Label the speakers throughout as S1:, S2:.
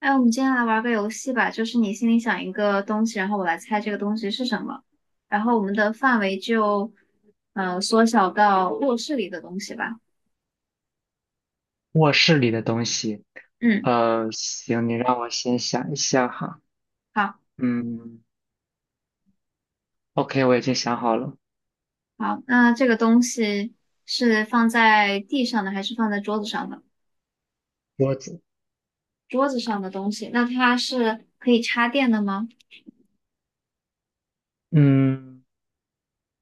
S1: 哎，我们今天来玩个游戏吧，就是你心里想一个东西，然后我来猜这个东西是什么，然后我们的范围就，缩小到卧室里的东西吧。
S2: 卧室里的东西，
S1: 嗯，
S2: 行，你让我先想一下哈。
S1: 好，
S2: 嗯，OK，我已经想好了，
S1: 好，那这个东西是放在地上的还是放在桌子上的？
S2: 桌子。
S1: 桌子上的东西，那它是可以插电的吗？
S2: 嗯，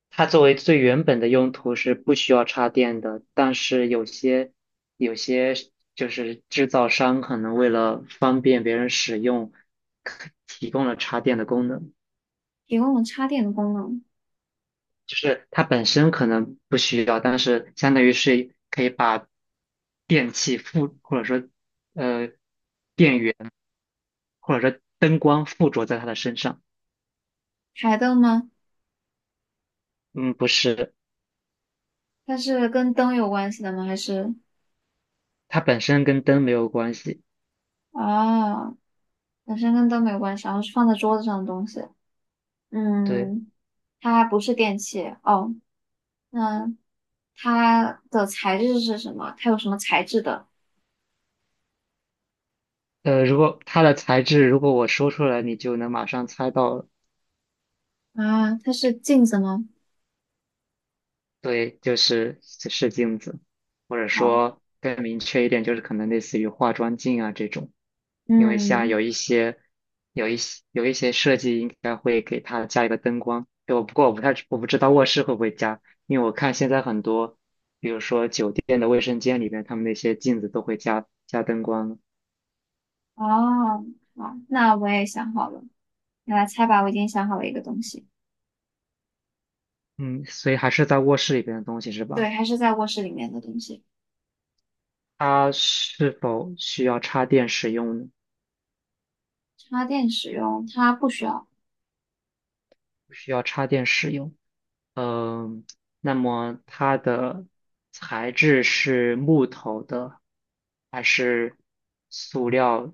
S2: 它作为最原本的用途是不需要插电的，但是有些就是制造商可能为了方便别人使用，可提供了插电的功能，
S1: 提供了插电的功能。
S2: 就是它本身可能不需要，但是相当于是可以把电器附或者说呃。电源。或者说灯光附着在他的身上。
S1: 台灯吗？
S2: 嗯，不是，
S1: 它是跟灯有关系的吗？还是
S2: 它本身跟灯没有关系。
S1: 啊，本身跟灯没有关系，然后是放在桌子上的东西。
S2: 对，
S1: 嗯，它不是电器哦。那它的材质是什么？它有什么材质的？
S2: 如果它的材质，如果我说出来，你就能马上猜到了。
S1: 啊，它是镜子吗？
S2: 对，就是是镜子，或者
S1: 哦，
S2: 说更明确一点，就是可能类似于化妆镜啊这种，因为像有
S1: 嗯，
S2: 一些有一些有一些设计应该会给它加一个灯光，对，不过我不知道卧室会不会加，因为我看现在很多，比如说酒店的卫生间里边，他们那些镜子都会加灯光，
S1: 哦，好，那我也想好了，你来猜吧。我已经想好了一个东西，
S2: 嗯，所以还是在卧室里边的东西是
S1: 对，
S2: 吧？
S1: 还是在卧室里面的东西。
S2: 它是否需要插电使用呢？
S1: 插电使用它不需要。
S2: 不需要插电使用。嗯，那么它的材质是木头的还是塑料？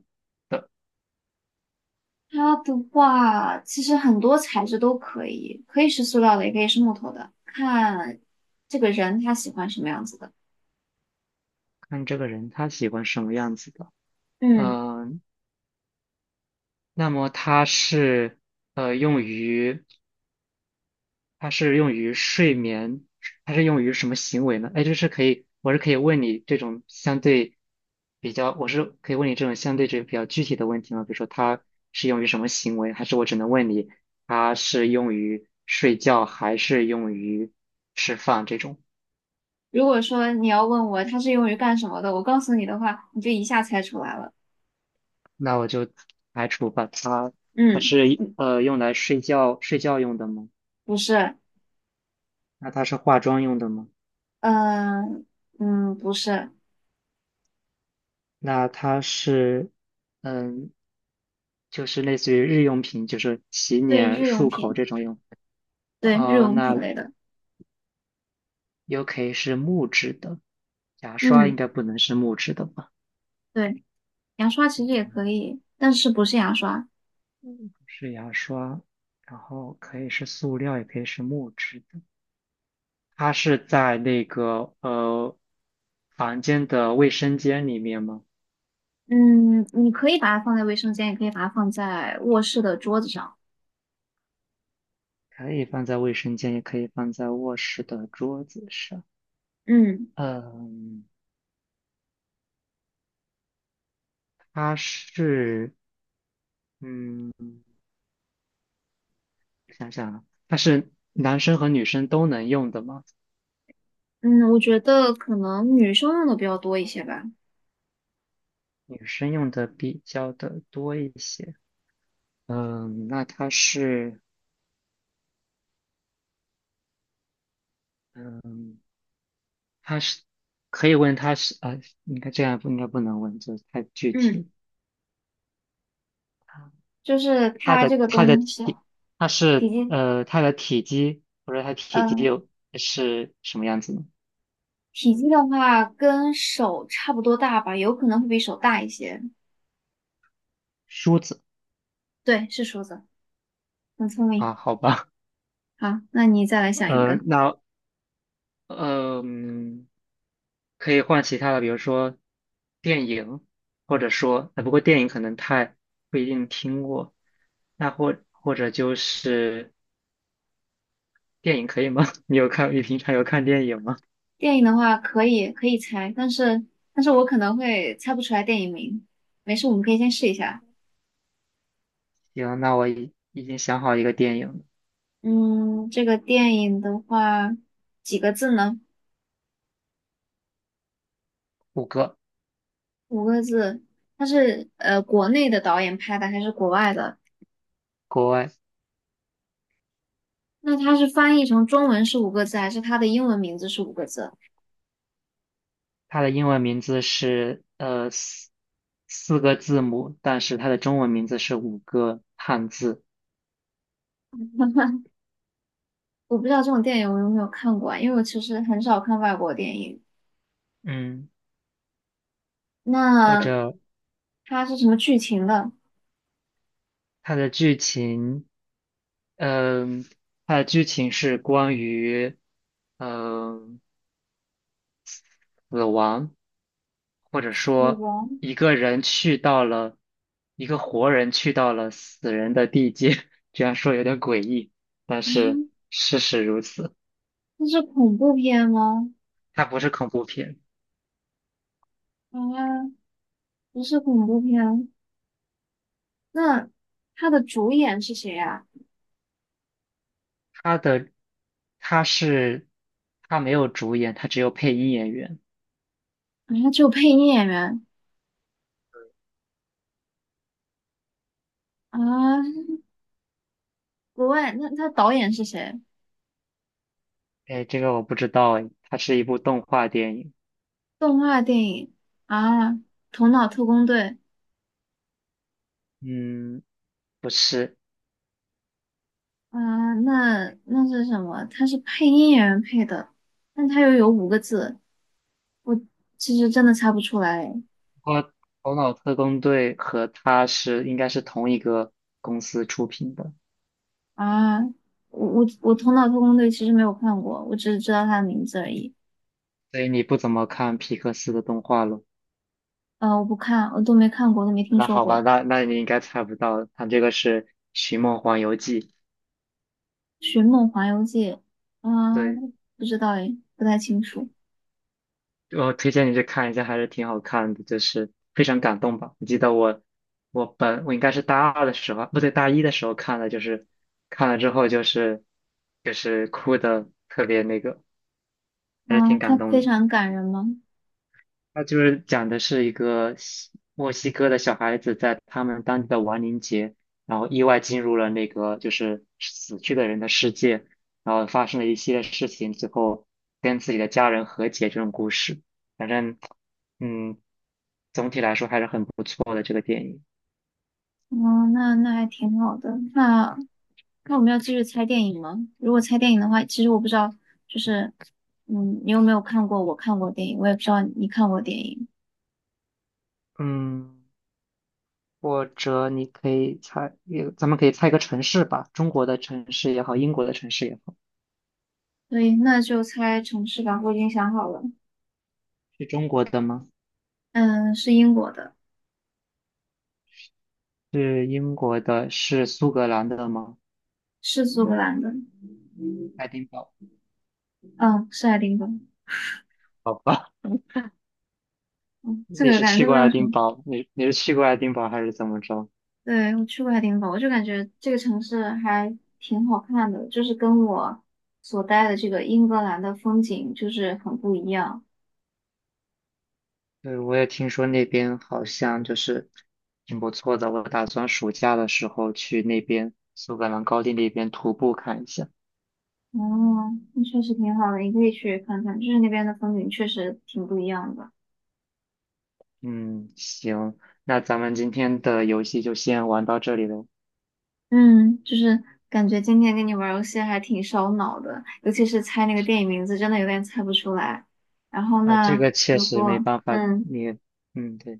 S1: 它的话，其实很多材质都可以，可以是塑料的，也可以是木头的，看这个人他喜欢什么样子的。
S2: 看这个人他喜欢什么样子的。
S1: 嗯。
S2: 嗯，那么呃用于它是用于睡眠，它是用于什么行为呢？哎，就是可以，我是可以问你这种相对这比较具体的问题吗？比如说它是用于什么行为，还是我只能问你它是用于睡觉还是用于吃饭这种？
S1: 如果说你要问我它是用于干什么的，我告诉你的话，你就一下猜出来了。
S2: 那我就排除把它，它
S1: 嗯
S2: 是
S1: 嗯，
S2: 用来睡觉用的吗？
S1: 不是，
S2: 那它是化妆用的吗？
S1: 嗯、嗯，不是，
S2: 那它是嗯。就是类似于日用品，就是洗
S1: 对，
S2: 脸、
S1: 日用
S2: 漱口
S1: 品，
S2: 这种用。
S1: 对，日用
S2: 那
S1: 品类的。
S2: 可以是木质的，牙刷应
S1: 嗯，
S2: 该不能是木质的吧？
S1: 对，牙刷其实也可
S2: 嗯，
S1: 以，但是不是牙刷。
S2: 嗯是牙刷，然后可以是塑料，也可以是木质的。它是在那个房间的卫生间里面吗？
S1: 嗯，你可以把它放在卫生间，也可以把它放在卧室的桌子上。
S2: 可以放在卫生间，也可以放在卧室的桌子上。
S1: 嗯
S2: 嗯，它是。嗯。我想想啊，它是男生和女生都能用的吗？
S1: 嗯，我觉得可能女生用的比较多一些吧。
S2: 女生用的比较的多一些。嗯，那它是，嗯，它是，可以问它是啊，应该这样不应该不能问，这太具
S1: 嗯，
S2: 体。
S1: 就是
S2: 它
S1: 它这
S2: 的
S1: 个
S2: 它的
S1: 东西，
S2: 体，它
S1: 体
S2: 是
S1: 积。
S2: 它的体积或者它体积
S1: 嗯，
S2: 又是什么样子呢？
S1: 体积的话跟手差不多大吧，有可能会比手大一些。
S2: 梳子
S1: 对，是梳子，很聪
S2: 啊，
S1: 明。
S2: 好吧，
S1: 好，那你再来想一
S2: 呃，
S1: 个。
S2: 那嗯，可以换其他的，比如说电影，或者说，不过电影可能太不一定听过。那或者就是电影可以吗？你平常有看电影吗？
S1: 电影的话可以可以猜，但是我可能会猜不出来电影名。没事，我们可以先试一下。
S2: 行，那我已经想好一个电影了，
S1: 嗯，这个电影的话几个字呢？
S2: 五个，
S1: 五个字。它是国内的导演拍的还是国外的？
S2: 国外，
S1: 那它是翻译成中文是五个字，还是它的英文名字是五个字？
S2: 它的英文名字是四个字母，但是它的中文名字是五个汉字。
S1: 我不知道这种电影我有没有看过啊，因为我其实很少看外国电影。
S2: 嗯，或
S1: 那
S2: 者
S1: 它是什么剧情的？
S2: 它的剧情。嗯，它的剧情是关于，嗯，死亡，或者
S1: 死
S2: 说
S1: 王？
S2: 一个人去到了，一个活人去到了死人的地界，这样说有点诡异，但是事实如此。
S1: 那是恐怖片吗？
S2: 它不是恐怖片，
S1: 啊，不是恐怖片。那它的主演是谁呀、
S2: 它的，它是，它没有主演，它只有配音演员。
S1: 啊？啊，只有配音演员啊。国外，那他导演是谁？
S2: 哎，这个我不知道哎，它是一部动画电影。
S1: 动画电影啊，《头脑特工队》
S2: 嗯，不是。
S1: 啊，那那是什么？他是配音演员配的，但他又有五个字，我其实真的猜不出来。
S2: 他头脑特工队和他是应该是同一个公司出品的，
S1: 啊，我《头脑特工队》其实没有看过，我只是知道它的名字而已。
S2: 所以你不怎么看皮克斯的动画了。
S1: 呃，我不看，我都没看过，都没听
S2: 那
S1: 说
S2: 好吧，
S1: 过。
S2: 那那你应该猜不到，他这个是《寻梦环游记》。
S1: 《寻梦环游记》啊，
S2: 对，
S1: 不知道诶，不太清楚。
S2: 我推荐你去看一下，还是挺好看的，就是非常感动吧。我记得我应该是大二的时候，不对，大一的时候看的，就是看了之后就是哭的特别那个，还是
S1: 啊，
S2: 挺感
S1: 它
S2: 动
S1: 非
S2: 的。
S1: 常感人吗？
S2: 它就是讲的是一个西墨西哥的小孩子在他们当地的亡灵节，然后意外进入了那个就是死去的人的世界，然后发生了一系列事情，最后跟自己的家人和解这种故事。反正，嗯，总体来说还是很不错的这个电影。
S1: 哦，那那还挺好的。那那我们要继续猜电影吗？如果猜电影的话，其实我不知道，就是嗯，你有没有看过我看过电影？我也不知道你看过电影，
S2: 嗯，或者你可以猜，也咱们可以猜一个城市吧，中国的城市也好，英国的城市也好，
S1: 对，那就猜城市吧。我已经想好了，
S2: 是中国的吗？
S1: 嗯，是英国的，
S2: 是英国的，是苏格兰的吗？
S1: 是苏格兰的。
S2: 爱丁堡。
S1: 嗯，是爱丁堡。
S2: 好吧，
S1: 嗯，这个感觉都没有什么。
S2: 你是去过爱丁堡还是怎么着？
S1: 对，我去过爱丁堡，我就感觉这个城市还挺好看的，就是跟我所待的这个英格兰的风景就是很不一样。
S2: 对，我也听说那边好像就是挺不错的，我打算暑假的时候去那边苏格兰高地那边徒步看一下。
S1: 哦，那确实挺好的，你可以去看看，就是那边的风景确实挺不一样的。
S2: 嗯，行，那咱们今天的游戏就先玩到这里了。
S1: 嗯，就是感觉今天跟你玩儿游戏还挺烧脑的，尤其是猜那个电影名字，真的有点猜不出来。然后
S2: 啊，这
S1: 呢，
S2: 个确
S1: 如
S2: 实没
S1: 果
S2: 办法，
S1: 嗯。
S2: 你，嗯，对，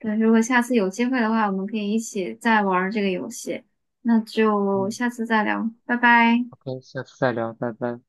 S1: 对，如果下次有机会的话，我们可以一起再玩儿这个游戏。那就
S2: 嗯
S1: 下次再聊，拜拜。
S2: ，OK，下次再聊，拜拜。